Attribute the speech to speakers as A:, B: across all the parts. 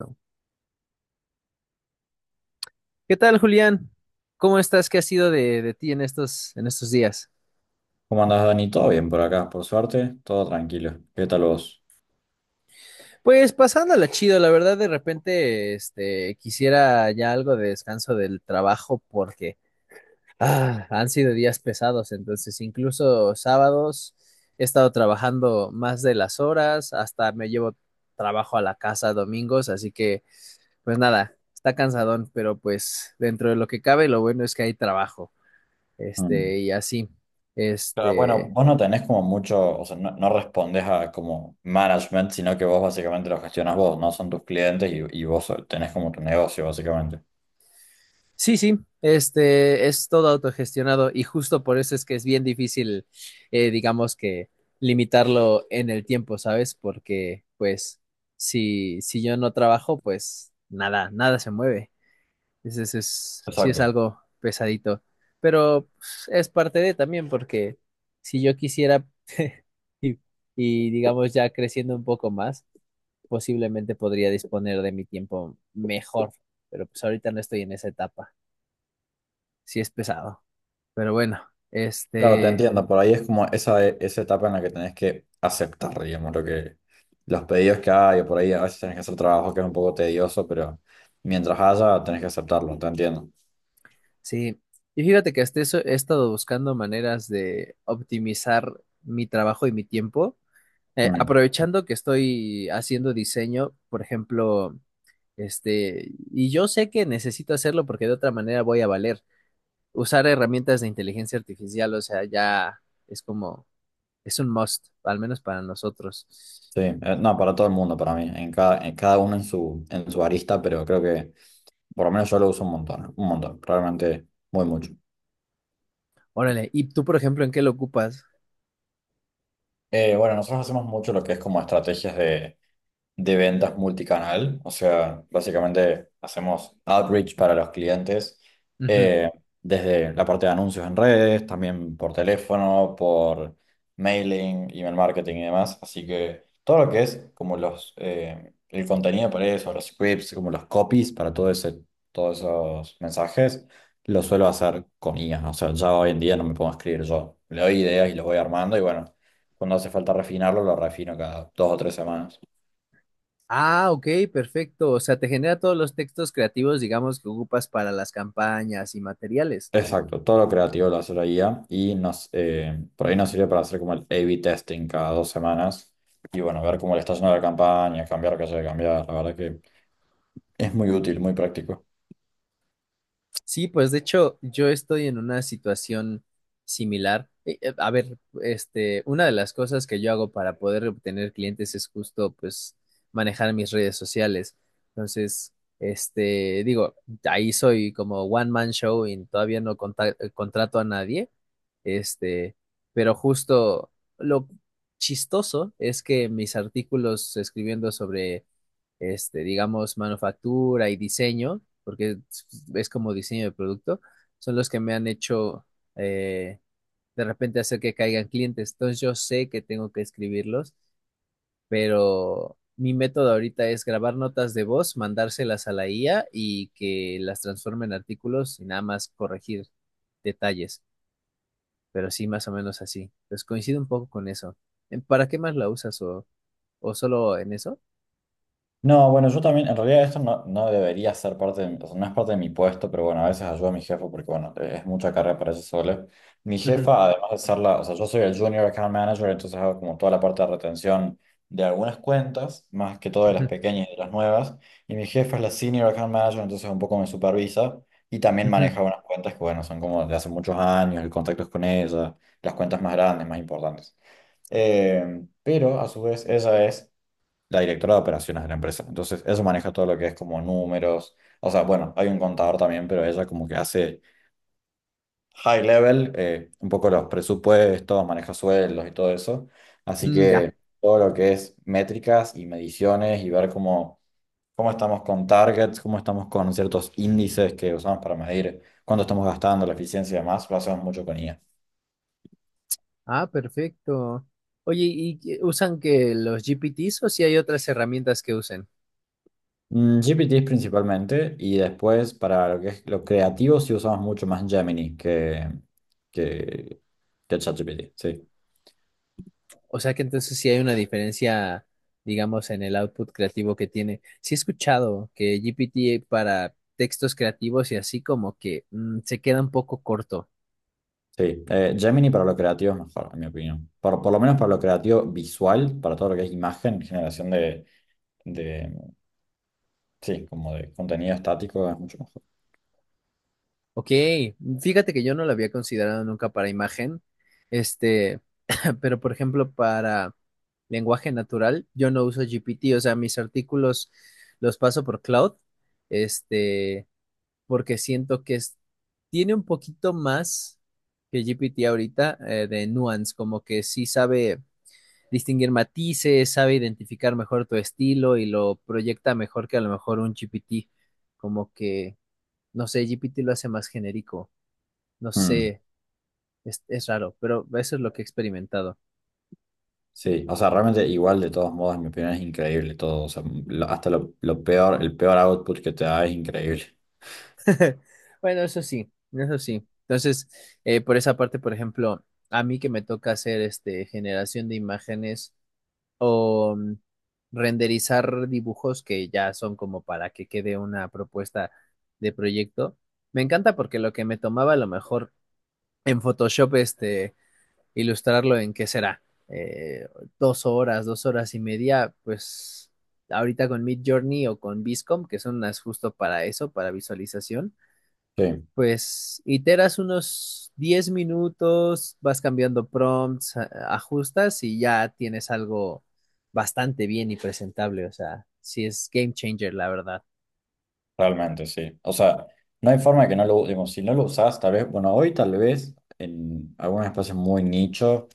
A: No. ¿Qué tal, Julián? ¿Cómo estás? ¿Qué ha sido de ti en estos días?
B: ¿Cómo andás, Dani? ¿Todo bien por acá? Por suerte, todo tranquilo. ¿Qué tal vos?
A: Pues pasándola chido, la verdad de repente este quisiera ya algo de descanso del trabajo porque han sido días pesados, entonces incluso sábados he estado trabajando más de las horas, hasta me llevo trabajo a la casa domingos, así que pues nada, está cansadón, pero pues dentro de lo que cabe lo bueno es que hay trabajo,
B: Mm.
A: este y así,
B: Pero bueno,
A: este.
B: vos no tenés como mucho, o sea, no respondés a como management, sino que vos básicamente lo gestionas vos, ¿no? Son tus clientes y vos so, tenés como tu negocio, básicamente.
A: Sí, este es todo autogestionado y justo por eso es que es bien difícil, digamos que limitarlo en el tiempo, ¿sabes? Porque pues si yo no trabajo, pues nada, nada se mueve. Entonces es, sí es
B: Exacto.
A: algo pesadito, pero pues, es parte de también porque si yo quisiera y, y digamos ya creciendo un poco más, posiblemente podría disponer de mi tiempo mejor, pero pues ahorita no estoy en esa etapa, sí es pesado. Pero bueno,
B: Claro, te
A: este,
B: entiendo. Por ahí es como esa etapa en la que tenés que aceptar, digamos, lo que, los pedidos que hay, o por ahí a veces tenés que hacer trabajo que es un poco tedioso, pero mientras haya, tenés que aceptarlo, te entiendo.
A: sí. Y fíjate que hasta eso he estado buscando maneras de optimizar mi trabajo y mi tiempo.
B: Mm.
A: Aprovechando que estoy haciendo diseño, por ejemplo, este, y yo sé que necesito hacerlo porque de otra manera voy a valer. Usar herramientas de inteligencia artificial, o sea, ya es como, es un must, al menos para nosotros.
B: Sí, no, para todo el mundo, para mí, en cada uno en su arista, pero creo que por lo menos yo lo uso un montón, realmente muy mucho.
A: Órale, ¿y tú, por ejemplo, en qué lo ocupas?
B: Bueno, nosotros hacemos mucho lo que es como estrategias de ventas multicanal, o sea, básicamente hacemos outreach para los clientes
A: Ujú.
B: eh, desde la parte de anuncios en redes, también por teléfono, por mailing, email marketing y demás, así que todo lo que es como los el contenido para eso, los scripts, como los copies para todo ese, todos esos mensajes, lo suelo hacer con IA, o sea, ya hoy en día no me puedo escribir yo, le doy ideas y lo voy armando y bueno, cuando hace falta refinarlo, lo refino cada dos o tres semanas.
A: Ah, ok, perfecto. O sea, te genera todos los textos creativos, digamos, que ocupas para las campañas y materiales.
B: Exacto, todo lo creativo lo hace la IA y nos, por ahí nos sirve para hacer como el A/B testing cada dos semanas y bueno, ver cómo le está yendo la campaña, cambiar lo que haya que cambiar. La verdad que es muy útil, muy práctico.
A: Sí, pues de hecho yo estoy en una situación similar. A ver, este, una de las cosas que yo hago para poder obtener clientes es justo, pues, manejar mis redes sociales. Entonces, este, digo, ahí soy como one man show y todavía no contrato a nadie. Este, pero justo lo chistoso es que mis artículos escribiendo sobre este, digamos, manufactura y diseño, porque es como diseño de producto, son los que me han hecho eh, de repente hacer que caigan clientes. Entonces yo sé que tengo que escribirlos, pero mi método ahorita es grabar notas de voz, mandárselas a la IA y que las transforme en artículos y nada más corregir detalles, pero sí más o menos así, pues coincido un poco con eso. ¿Para qué más la usas o solo en eso?
B: No, bueno, yo también, en realidad esto no debería ser parte de, mi- o sea, no es parte de mi puesto, pero bueno, a veces ayudo a mi jefa porque, bueno, es mucha carrera para ella sola. Mi
A: Ujú,
B: jefa, además de ser la, o sea, yo soy el Junior Account Manager, entonces hago como toda la parte de retención de algunas cuentas, más que todo de las
A: ujú,
B: pequeñas y de las nuevas, y mi jefa es la Senior Account Manager, entonces un poco me supervisa y también
A: ujú.
B: maneja unas cuentas que, bueno, son como de hace muchos años, el contacto es con ella, las cuentas más grandes, más importantes. Pero a su vez, ella es la directora de operaciones de la empresa. Entonces, eso maneja todo lo que es como números. O sea, bueno, hay un contador también, pero ella como que hace high level, un poco los presupuestos, maneja sueldos y todo eso. Así
A: Mm, ya.
B: que todo lo que es métricas y mediciones y ver cómo, cómo estamos con targets, cómo estamos con ciertos índices que usamos para medir cuánto estamos gastando, la eficiencia y demás, lo hacemos mucho con IA.
A: Ah, perfecto. Oye, ¿y qué- usan que los GPTs o si hay otras herramientas que usen?
B: Mm, GPT principalmente y después para lo que es lo creativo sí usamos mucho más Gemini que, que ChatGPT, sí.
A: O sea que entonces sí hay una diferencia, digamos, en el output creativo que tiene. Sí he escuchado que GPT para textos creativos y así como que se queda un poco corto.
B: Sí, Gemini para lo creativo es mejor, en mi opinión. Por lo menos para lo creativo visual, para todo lo que es imagen, generación de, sí, como de contenido estático es mucho mejor.
A: Ok, fíjate que yo no lo había considerado nunca para imagen, este, pero por ejemplo para lenguaje natural, yo no uso GPT, o sea, mis artículos los paso por Cloud, este, porque siento que tiene un poquito más que GPT ahorita de nuance, como que sí sabe distinguir matices, sabe identificar mejor tu estilo y lo proyecta mejor que a lo mejor un GPT, como que, no sé, GPT lo hace más genérico, no
B: Mm,
A: sé, es raro, pero eso es lo que he experimentado.
B: sí, o sea, realmente igual de todos modos, en mi opinión es increíble todo. O sea, lo- hasta lo peor, el peor output que te da es increíble.
A: Bueno, eso sí, eso sí. Entonces, por esa parte, por ejemplo, a mí que me toca hacer este generación de imágenes o renderizar dibujos que ya son como para que quede una propuesta de proyecto. Me encanta porque lo que me tomaba a lo mejor en Photoshop, este, ilustrarlo en qué será, Eh, dos horas y media, pues ahorita con Mid Journey o con Viscom, que son unas justo para eso, para visualización,
B: Sí.
A: pues iteras unos 10 minutos, vas cambiando prompts, ajustas y ya tienes algo bastante bien y presentable. O sea, sí es game changer, la verdad.
B: Realmente, sí. O sea, no hay forma de que no lo usemos. Si no lo usás, tal vez, bueno, hoy tal vez en algunos espacios muy nicho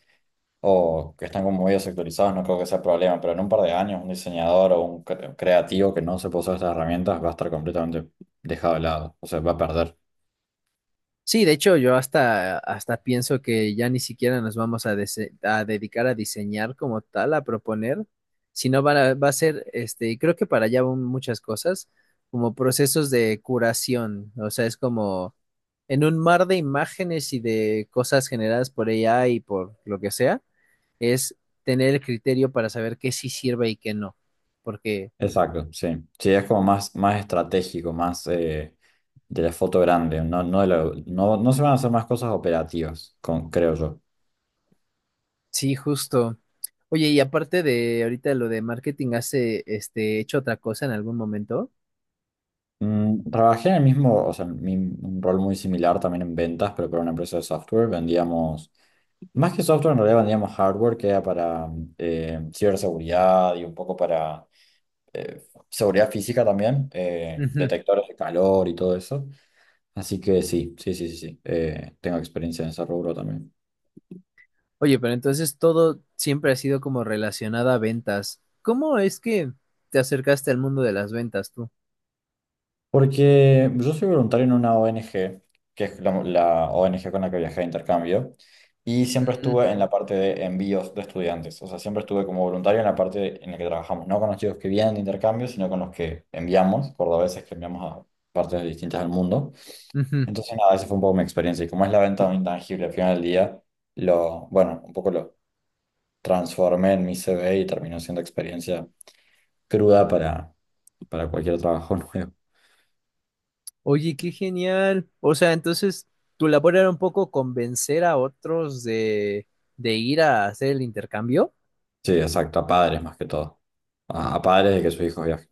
B: o que están como muy sectorizados, no creo que sea problema, pero en un par de años un diseñador o un cre- creativo que no se puso estas herramientas va a estar completamente dejado de lado, o sea, va a perder.
A: Sí, de hecho, yo hasta pienso que ya ni siquiera nos vamos a, a dedicar a diseñar como tal, a proponer, sino va a ser, este, y creo que para allá van muchas cosas, como procesos de curación. O sea, es como en un mar de imágenes y de cosas generadas por ella y por lo que sea, es tener el criterio para saber qué sí sirve y qué no. Porque
B: Exacto, sí. Sí, es como más, más estratégico, más de la foto grande, no, no, de la- no, no se van a hacer más cosas operativas, con, creo yo.
A: sí, justo. Oye, y aparte de ahorita lo de marketing, ¿has este, hecho otra cosa en algún momento?
B: Mm, trabajé en el mismo, o sea, en mi- un rol muy similar también en ventas, pero para una empresa de software. Vendíamos, más que software, en realidad vendíamos hardware que era para ciberseguridad y un poco para eh, seguridad física también,
A: Ujú.
B: detectores de calor y todo eso. Así que sí, sí, sí, sí, sí. Tengo experiencia en ese rubro también.
A: Oye, pero entonces todo siempre ha sido como relacionado a ventas. ¿Cómo es que te acercaste al mundo de las ventas tú?
B: Porque yo soy voluntario en una ONG, que es la ONG con la que viajé de intercambio, y siempre
A: Ujú,
B: estuve en
A: ujú.
B: la parte de envíos de estudiantes. O sea, siempre estuve como voluntario en la parte en la que trabajamos, no con los chicos que vienen de intercambio, sino con los que enviamos, cordobeses que enviamos a partes distintas del mundo.
A: Ujú.
B: Entonces, nada, esa fue un poco mi experiencia. Y como es la venta de un intangible al final del día, lo, bueno, un poco lo transformé en mi CV y terminó siendo experiencia cruda para cualquier trabajo nuevo.
A: Oye, qué genial. O sea, entonces tu labor era un poco convencer a otros de ir a hacer el intercambio.
B: Sí, exacto, a padres más que todo. A padres de que sus hijos viajen.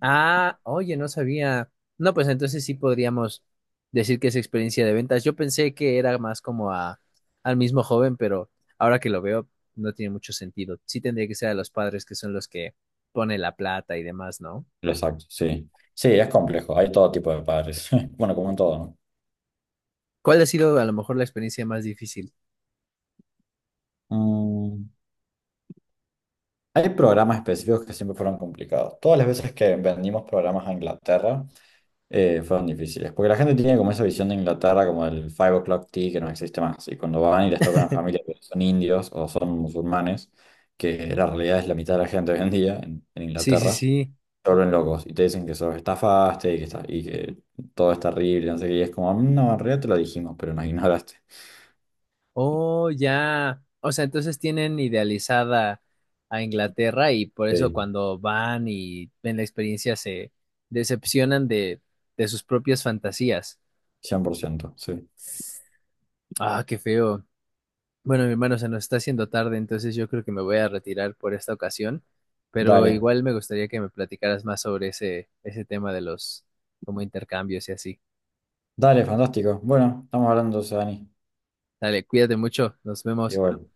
A: Ah, oye, no sabía. No, pues entonces sí podríamos decir que es experiencia de ventas. Yo pensé que era más como al mismo joven, pero ahora que lo veo no tiene mucho sentido. Sí tendría que ser a los padres que son los que ponen la plata y demás, ¿no?
B: Exacto, sí. Sí, es complejo, hay todo tipo de padres. Bueno, como en todo, ¿no?
A: ¿Cuál ha sido a lo mejor la experiencia más difícil?
B: Mm, hay programas específicos que siempre fueron complicados. Todas las veces que vendimos programas a Inglaterra fueron difíciles, porque la gente tiene como esa visión de Inglaterra como el Five O'Clock Tea que no existe más. Y cuando van y les toca una familia que son indios o son musulmanes, que la realidad es la mitad de la gente hoy en día en
A: Sí, sí,
B: Inglaterra.
A: sí.
B: Vuelven locos y te dicen que sos estafaste y que, está, y que todo es terrible, no sé qué, y es como, "Mm, no, en realidad te lo dijimos, pero nos ignoraste".
A: Oh, ya. O sea, entonces tienen idealizada a Inglaterra y por eso
B: Sí,
A: cuando van y ven la experiencia se decepcionan de sus propias fantasías.
B: cien por ciento sí.
A: Ah, qué feo. Bueno, mi hermano, se nos está haciendo tarde, entonces yo creo que me voy a retirar por esta ocasión, pero
B: Dale,
A: igual me gustaría que me platicaras más sobre ese tema de los como intercambios y así.
B: fantástico. Bueno, estamos hablando, Dani.
A: Dale, cuídate mucho, nos vemos.
B: Igual.